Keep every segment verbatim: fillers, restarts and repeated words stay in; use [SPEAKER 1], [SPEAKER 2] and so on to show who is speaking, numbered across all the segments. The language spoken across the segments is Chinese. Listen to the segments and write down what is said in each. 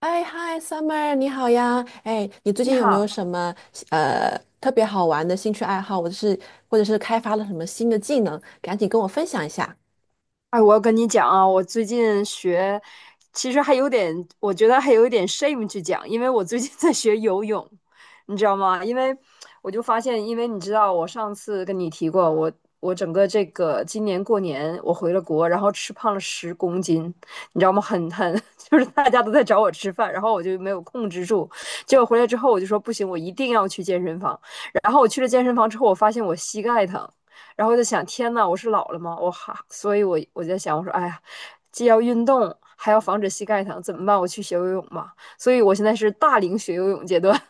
[SPEAKER 1] 哎嗨，Summer，你好呀！哎，你最
[SPEAKER 2] 你
[SPEAKER 1] 近有没有
[SPEAKER 2] 好。
[SPEAKER 1] 什么呃特别好玩的兴趣爱好，或者是或者是开发了什么新的技能？赶紧跟我分享一下。
[SPEAKER 2] 哎，我要跟你讲啊，我最近学，其实还有点，我觉得还有一点 shame 去讲，因为我最近 在学游泳，你知道吗？因为我就发现，因为你知道，我上次跟你提过，我我整个这个今年过年我回了国，然后吃胖了十公斤，你知道吗？很很，就是大家都在找我吃饭，然后我就没有控制住，结果回来之后我就说不行，我一定要去健身房，然后我去了健身房之后，我发现我膝盖疼。然后就想，天呐，我是老了吗？我哈，所以我我就在想，我说，哎呀，既要运动，还要防止膝盖疼，怎么办？我去学游泳吧。所以我现在是大龄学游泳阶段。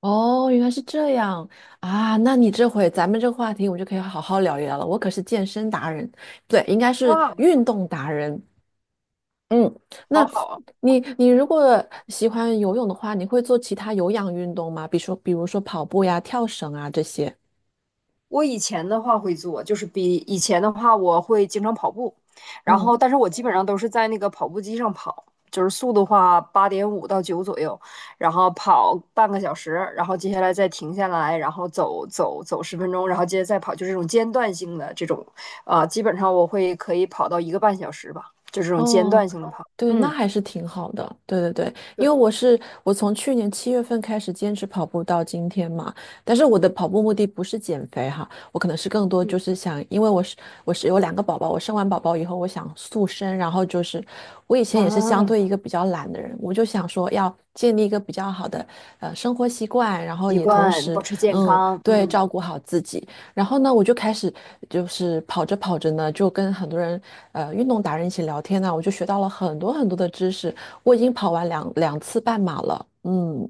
[SPEAKER 1] 哦，原来是这样啊！那你这回咱们这个话题，我们就可以好好聊一聊了。我可是健身达人，不对，应该 是
[SPEAKER 2] 哇，
[SPEAKER 1] 运动达人。嗯，那
[SPEAKER 2] 好好啊！
[SPEAKER 1] 你你如果喜欢游泳的话，你会做其他有氧运动吗？比如说比如说跑步呀、跳绳啊这些。
[SPEAKER 2] 我以前的话会做，就是比以前的话，我会经常跑步，然后
[SPEAKER 1] 嗯。
[SPEAKER 2] 但是我基本上都是在那个跑步机上跑，就是速度的话八点五到九左右，然后跑半个小时，然后接下来再停下来，然后走走走十分钟，然后接着再跑，就是这种间断性的这种。啊、基本上我会可以跑到一个半小时吧，就这种间
[SPEAKER 1] 哦，
[SPEAKER 2] 断性的跑。
[SPEAKER 1] 对，那
[SPEAKER 2] 嗯，
[SPEAKER 1] 还是挺好的。对对对，因
[SPEAKER 2] 对，
[SPEAKER 1] 为我是我从去年七月份开始坚持跑步到今天嘛，但是我的跑步目的不是减肥哈，我可能是更多
[SPEAKER 2] 嗯
[SPEAKER 1] 就是想，因为我是我是有两个宝宝，我生完宝宝以后我想塑身，然后就是我以前也是相对一
[SPEAKER 2] 啊，
[SPEAKER 1] 个比较懒的人，我就想说要建立一个比较好的呃生活习惯，然后
[SPEAKER 2] 习
[SPEAKER 1] 也同
[SPEAKER 2] 惯
[SPEAKER 1] 时，
[SPEAKER 2] 保持健
[SPEAKER 1] 嗯，
[SPEAKER 2] 康。
[SPEAKER 1] 对，
[SPEAKER 2] 嗯。
[SPEAKER 1] 照顾好自己。然后呢，我就开始就是跑着跑着呢，就跟很多人，呃，运动达人一起聊天呢，我就学到了很多很多的知识。我已经跑完两两次半马了，嗯，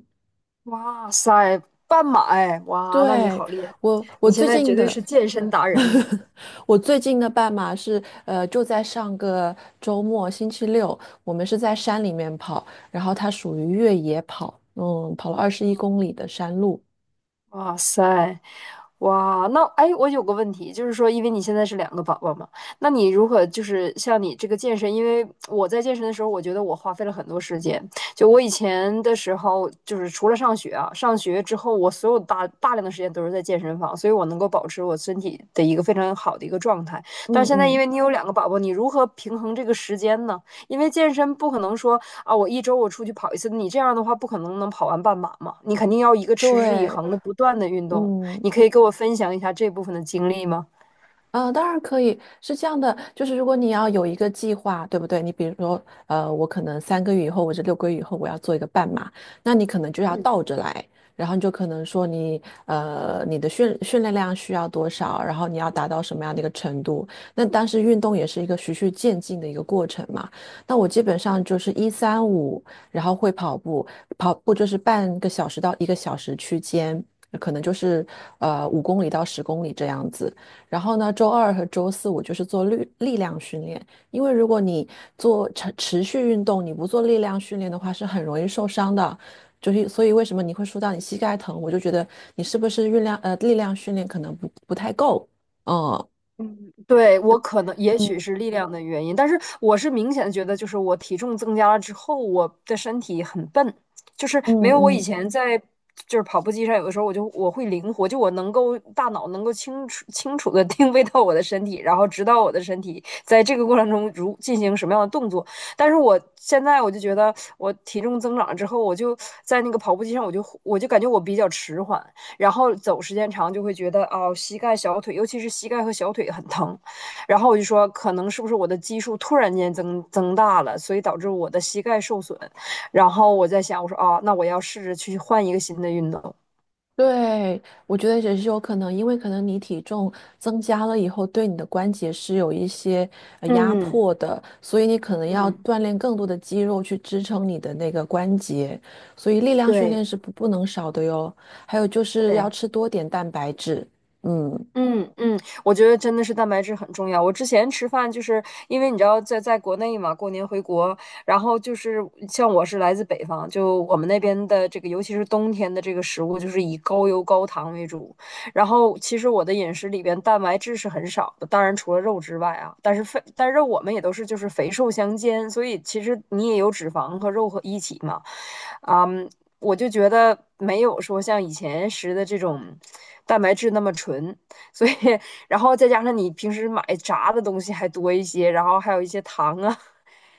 [SPEAKER 2] 哇塞，半马哎，哇，那你
[SPEAKER 1] 对，
[SPEAKER 2] 好厉害，
[SPEAKER 1] 我我
[SPEAKER 2] 你现
[SPEAKER 1] 最
[SPEAKER 2] 在
[SPEAKER 1] 近
[SPEAKER 2] 绝对
[SPEAKER 1] 的，
[SPEAKER 2] 是健身达人。
[SPEAKER 1] 我最近的半马是，呃，就在上个周末星期六，我们是在山里面跑，然后它属于越野跑，嗯，跑了二十一公里的山路，
[SPEAKER 2] 哇塞，哇，那哎，我有个问题，就是说，因为你现在是两个宝宝嘛，那你如何就是像你这个健身？因为我在健身的时候，我觉得我花费了很多时间。就我以前的时候，就是除了上学啊，上学之后，我所有大大量的时间都是在健身房，所以我能够保持我身体的一个非常好的一个状态。但是
[SPEAKER 1] 嗯
[SPEAKER 2] 现在，因
[SPEAKER 1] 嗯，
[SPEAKER 2] 为你有两个宝宝，你如何平衡这个时间呢？因为健身不可能说啊，我一周我出去跑一次，你这样的话不可能能跑完半马嘛，你肯定要一个持之以
[SPEAKER 1] 对。
[SPEAKER 2] 恒的不断的运动。
[SPEAKER 1] 嗯，
[SPEAKER 2] 你可以给我分享一下这部分的经历吗？
[SPEAKER 1] 呃，当然可以，是这样的，就是如果你要有一个计划，对不对？你比如说，呃，我可能三个月以后或者六个月以后我要做一个半马，那你可能就要倒着来，然后你就可能说你，呃，你的训训练量需要多少，然后你要达到什么样的一个程度。那当时运动也是一个循序渐进的一个过程嘛。那我基本上就是一三五，然后会跑步，跑步就是半个小时到一个小时区间。可能就是呃五公里到十公里这样子，然后呢，周二和周四我就是做力力量训练，因为如果你做持持续运动，你不做力量训练的话，是很容易受伤的。就是所以为什么你会说到你膝盖疼，我就觉得你是不是运量呃力量训练可能不不太够，嗯
[SPEAKER 2] 对，我可能也许
[SPEAKER 1] 嗯
[SPEAKER 2] 是力量的原因，但是我是明显地觉得，就是我体重增加了之后，我的身体很笨，就是没
[SPEAKER 1] 嗯
[SPEAKER 2] 有我以
[SPEAKER 1] 嗯。
[SPEAKER 2] 前在就是跑步机上，有的时候我就我会灵活，就我能够大脑能够清楚清楚的 定位到我的身体，然后知道我的身体在这个过程中如进行什么样的动作。但是我现在我就觉得我体重增长了之后，我就在那个跑步机上，我就我就感觉我比较迟缓，然后走时间长就会觉得哦，膝盖、小腿，尤其是膝盖和小腿很疼。然后我就说，可能是不是我的基数突然间增增大了，所以导致我的膝盖受损。然后我在想，我说啊，那我要试着去换一个新的运动。
[SPEAKER 1] 对，我觉得也是有可能，因为可能你体重增加了以后，对你的关节是有一些呃压
[SPEAKER 2] 嗯
[SPEAKER 1] 迫的，所以你可能要
[SPEAKER 2] 嗯，
[SPEAKER 1] 锻炼更多的肌肉去支撑你的那个关节，所以力量训练
[SPEAKER 2] 对
[SPEAKER 1] 是不不能少的哟。还有就是
[SPEAKER 2] 对，
[SPEAKER 1] 要吃多点蛋白质，嗯，
[SPEAKER 2] 嗯嗯，我觉得真的是蛋白质很重要。我之前吃饭就是因为你知道在在国内嘛，过年回国，然后就是像我是来自北方，就我们那边的这个，尤其是冬天的这个食物，就是以高油高糖为主。然后其实我的饮食里边蛋白质是很少的，当然除了肉之外啊，但是肥，但是我们也都是就是肥瘦相间，所以其实你也有脂肪和肉和一起嘛。啊，嗯，我就觉得没有说像以前吃的这种蛋白质那么纯。所以然后再加上你平时买炸的东西还多一些，然后还有一些糖啊，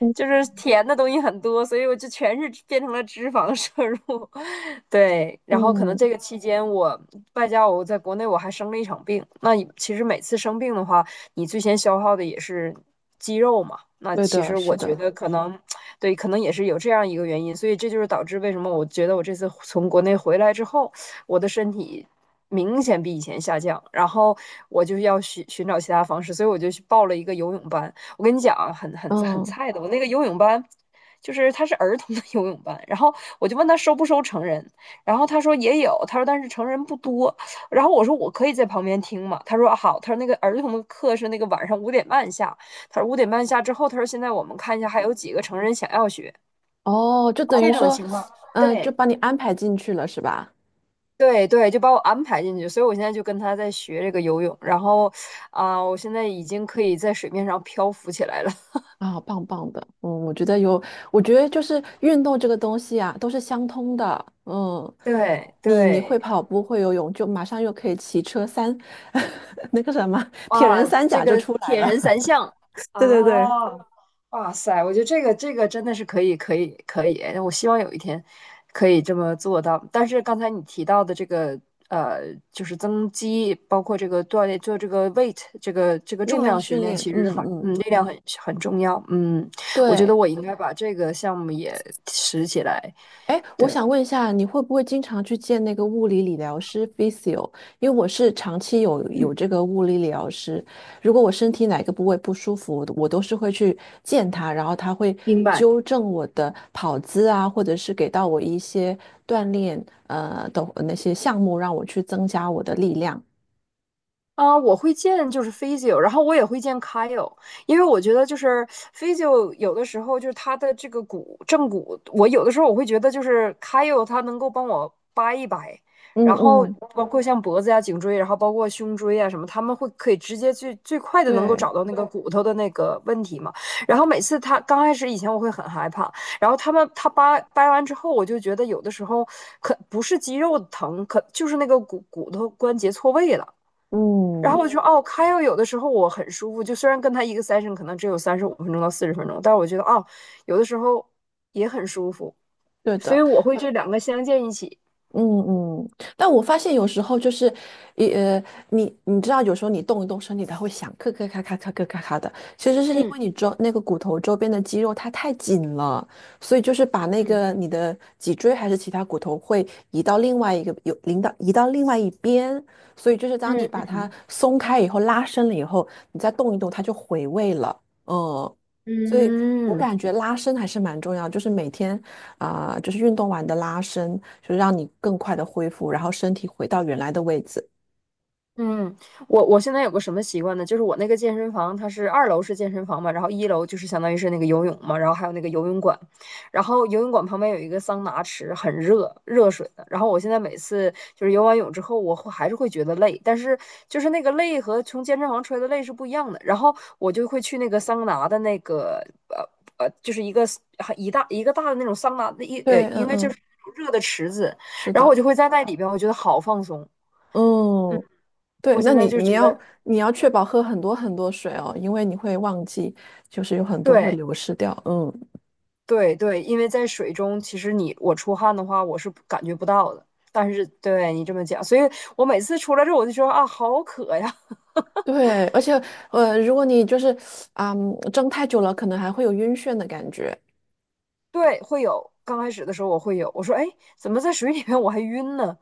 [SPEAKER 1] 嗯
[SPEAKER 2] 就是甜的东西很多，所以我就全是变成了脂肪摄入。对，然后可能
[SPEAKER 1] 嗯，
[SPEAKER 2] 这个期间我外加我在国内我还生了一场病，那其实每次生病的话，你最先消耗的也是肌肉嘛，那
[SPEAKER 1] 对
[SPEAKER 2] 其
[SPEAKER 1] 的，
[SPEAKER 2] 实
[SPEAKER 1] 是
[SPEAKER 2] 我觉
[SPEAKER 1] 的，
[SPEAKER 2] 得可能。对，可能也是有这样一个原因，所以这就是导致为什么我觉得我这次从国内回来之后，我的身体明显比以前下降，然后我就要寻寻找其他方式，所以我就去报了一个游泳班。我跟你讲啊，很很很
[SPEAKER 1] 嗯，
[SPEAKER 2] 菜的，我那个游泳班。就是他是儿童的 游泳班，然后我就问他收不收成人，然后他说也有，他说但是成人不多，然后我说我可以在旁边听嘛，他说啊好，他说那个儿童的课是那个晚上五点半下，他说五点半下之后，他说现在我们看一下还有几个成人想要学
[SPEAKER 1] 哦，就等
[SPEAKER 2] 这
[SPEAKER 1] 于
[SPEAKER 2] 种
[SPEAKER 1] 说，
[SPEAKER 2] 情况。
[SPEAKER 1] 嗯，就
[SPEAKER 2] 对
[SPEAKER 1] 把你安排进去了，是吧？
[SPEAKER 2] 对对，就把我安排进去，所以我现在就跟他在学这个游泳，然后啊、我现在已经可以在水面上漂浮起来了。
[SPEAKER 1] 啊，棒棒的，嗯，我觉得有，我觉得就是运动这个东西啊，都是相通的，嗯，
[SPEAKER 2] 对
[SPEAKER 1] 你你会
[SPEAKER 2] 对，
[SPEAKER 1] 跑步会游泳，就马上又可以骑车三，那个什么铁
[SPEAKER 2] 哇，
[SPEAKER 1] 人三
[SPEAKER 2] 这
[SPEAKER 1] 甲就
[SPEAKER 2] 个
[SPEAKER 1] 出来
[SPEAKER 2] 铁人
[SPEAKER 1] 了，
[SPEAKER 2] 三项，
[SPEAKER 1] 对对对，
[SPEAKER 2] 啊！哇塞，我觉得这个这个真的是可以可以可以，哎我希望有一天可以这么做到。但是刚才你提到的这个呃，就是增肌，包括这个锻炼，做这个 weight 这个这 个
[SPEAKER 1] 力
[SPEAKER 2] 重
[SPEAKER 1] 量
[SPEAKER 2] 量训
[SPEAKER 1] 训
[SPEAKER 2] 练，
[SPEAKER 1] 练，
[SPEAKER 2] 其实
[SPEAKER 1] 嗯
[SPEAKER 2] 很嗯，
[SPEAKER 1] 嗯，
[SPEAKER 2] 力量很很重要。嗯，我觉得
[SPEAKER 1] 对，
[SPEAKER 2] 我应该把这个项目也拾起来。
[SPEAKER 1] 哎，我
[SPEAKER 2] 对，
[SPEAKER 1] 想问一下，你会不会经常去见那个物理理疗师 physio?因为我是长期有有
[SPEAKER 2] 嗯，
[SPEAKER 1] 这个物理理疗师，如果我身体哪个部位不舒服，我都是会去见他，然后他会
[SPEAKER 2] 明
[SPEAKER 1] 纠
[SPEAKER 2] 白。
[SPEAKER 1] 正我的跑姿啊，或者是给到我一些锻炼呃的那些项目，让我去增加我的力量。
[SPEAKER 2] 啊、我会见就是 p h y i o 然后我也会见 Kyle,因为我觉得就是 p h y i o 有的时候就是他的这个骨正骨，我有的时候我会觉得就是 Kyle 他能够帮我掰一掰，
[SPEAKER 1] 嗯
[SPEAKER 2] 然后
[SPEAKER 1] 嗯
[SPEAKER 2] 包括像脖子呀、颈椎，然后包括胸椎啊什么，他们会可以直接最最快的能够
[SPEAKER 1] 对，
[SPEAKER 2] 找到那个骨头的那个问题嘛。然后每次他刚开始以前我会很害怕，然后他们他掰掰完之后，我就觉得有的时候可不是肌肉疼，可就是那个骨骨头关节错位了。然后
[SPEAKER 1] 嗯，
[SPEAKER 2] 我就哦 k y 有的时候我很舒服，就虽然跟他一个 session 可能只有三十五分钟到四十分钟，但是我觉得哦，有的时候也很舒服，
[SPEAKER 1] 对
[SPEAKER 2] 所以
[SPEAKER 1] 的。
[SPEAKER 2] 我会这两个相间一起。
[SPEAKER 1] 嗯嗯，但我发现有时候就是，一呃，你你知道，有时候你动一动身体，它会响，咔咔咔咔咔咔咔咔的。其实是因
[SPEAKER 2] 嗯
[SPEAKER 1] 为你周那个骨头周边的肌肉它太紧了，所以就是把那个你的脊椎还是其他骨头会移到另外一个有领到移到另外一边，所以就是当你
[SPEAKER 2] 嗯
[SPEAKER 1] 把
[SPEAKER 2] 嗯
[SPEAKER 1] 它松开以后，拉伸了以后，你再动一动，它就回位了。嗯，所以我
[SPEAKER 2] 嗯，
[SPEAKER 1] 感觉拉伸还是蛮重要，就是每天。啊，就是运动完的拉伸，就是让你更快的恢复，然后身体回到原来的位置。
[SPEAKER 2] 嗯，我我现在有个什么习惯呢？就是我那个健身房，它是二楼是健身房嘛，然后一楼就是相当于是那个游泳嘛，然后还有那个游泳馆，然后游泳馆旁边有一个桑拿池，很热，热水的。然后我现在每次就是游完泳之后，我会还是会觉得累，但是就是那个累和从健身房出来的累是不一样的。然后我就会去那个桑拿的那个呃呃，就是一个一大一个大的那种桑拿，的，一呃
[SPEAKER 1] 对，
[SPEAKER 2] 应
[SPEAKER 1] 嗯
[SPEAKER 2] 该就
[SPEAKER 1] 嗯，
[SPEAKER 2] 是那种热的池子，
[SPEAKER 1] 是
[SPEAKER 2] 然后我
[SPEAKER 1] 的，
[SPEAKER 2] 就会在那里边，我觉得好放松。嗯，
[SPEAKER 1] 嗯，对，
[SPEAKER 2] 我
[SPEAKER 1] 那
[SPEAKER 2] 现在
[SPEAKER 1] 你
[SPEAKER 2] 就
[SPEAKER 1] 你
[SPEAKER 2] 觉
[SPEAKER 1] 要
[SPEAKER 2] 得。
[SPEAKER 1] 你要确保喝很多很多水哦，因为你会忘记，就是有很多会
[SPEAKER 2] 对
[SPEAKER 1] 流失掉，嗯，
[SPEAKER 2] 对对，因为在水中，其实你我出汗的话，我是感觉不到的。但是对你这么讲，所以我每次出来之后，我就说啊，好渴呀。
[SPEAKER 1] 对，而且呃，如果你就是啊、嗯蒸太久了，可能还会有晕眩的感觉，
[SPEAKER 2] 对，会有。刚开始的时候我会有，我说哎，怎么在水里面我还晕呢？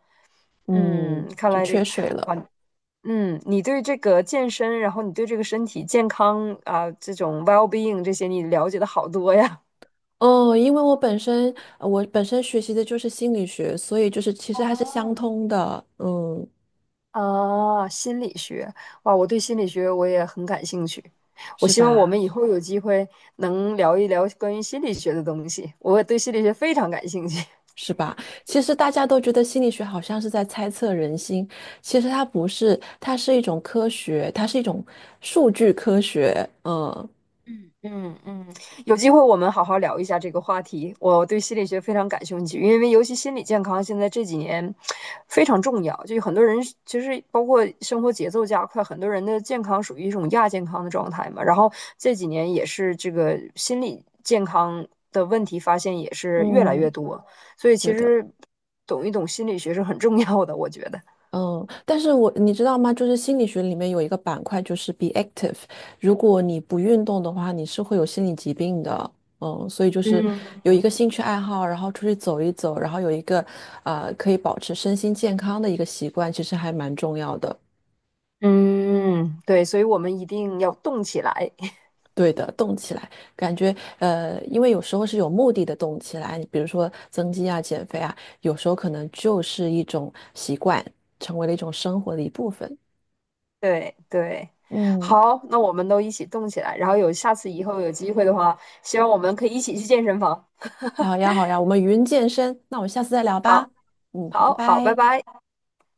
[SPEAKER 2] 嗯，
[SPEAKER 1] 嗯，
[SPEAKER 2] 看
[SPEAKER 1] 就
[SPEAKER 2] 来这
[SPEAKER 1] 缺
[SPEAKER 2] 个，
[SPEAKER 1] 水了。
[SPEAKER 2] 哇，嗯，你对这个健身，然后你对这个身体健康啊，这种 well being 这些，你了解的好多呀。
[SPEAKER 1] 哦，因为我本身呃我本身学习的就是心理学，所以就是其实还是相
[SPEAKER 2] 啊，
[SPEAKER 1] 通的，嗯，
[SPEAKER 2] 啊，心理学，哇，我对心理学我也很感兴趣。我
[SPEAKER 1] 是
[SPEAKER 2] 希望我
[SPEAKER 1] 吧？
[SPEAKER 2] 们以后有机会能聊一聊关于心理学的东西，我对心理学非常感兴趣。
[SPEAKER 1] 是吧？其实大家都觉得心理学好像是在猜测人心，其实它不是，它是一种科学，它是一种数据科学。嗯
[SPEAKER 2] 嗯嗯，有机会我们好好聊一下这个话题。我对心理学非常感兴趣，因为尤其心理健康现在这几年非常重要。就有很多人其实包括生活节奏加快，很多人的健康属于一种亚健康的状态嘛。然后这几年也是这个心理健康的问题发现也是越来越
[SPEAKER 1] 嗯，
[SPEAKER 2] 多，所以其
[SPEAKER 1] 对的。
[SPEAKER 2] 实懂一懂心理学是很重要的，我觉得。
[SPEAKER 1] 嗯，但是我你知道吗？就是心理学里面有一个板块，就是 be active。如果你不运动的话，你是会有心理疾病的。嗯，所以就是有一
[SPEAKER 2] 嗯
[SPEAKER 1] 个兴趣爱好，然后出去走一走，然后有一个呃可以保持身心健康的一个习惯，其实还蛮重要的。
[SPEAKER 2] 嗯，对，所以我们一定要动起来。
[SPEAKER 1] 对的，动起来，感觉呃，因为有时候是有目的的动起来，比如说增肌啊、减肥啊，有时候可能就是一种习惯，成为了一种生活的一部分。
[SPEAKER 2] 对对，
[SPEAKER 1] 嗯，
[SPEAKER 2] 好，那我们都一起动起来，然后有下次以后有机会的话，希望我们可以一起去健身房。
[SPEAKER 1] 好呀，好呀，我们云健身，那我们下次再聊吧。
[SPEAKER 2] 好，
[SPEAKER 1] 嗯，好，拜
[SPEAKER 2] 好，好，拜
[SPEAKER 1] 拜。
[SPEAKER 2] 拜。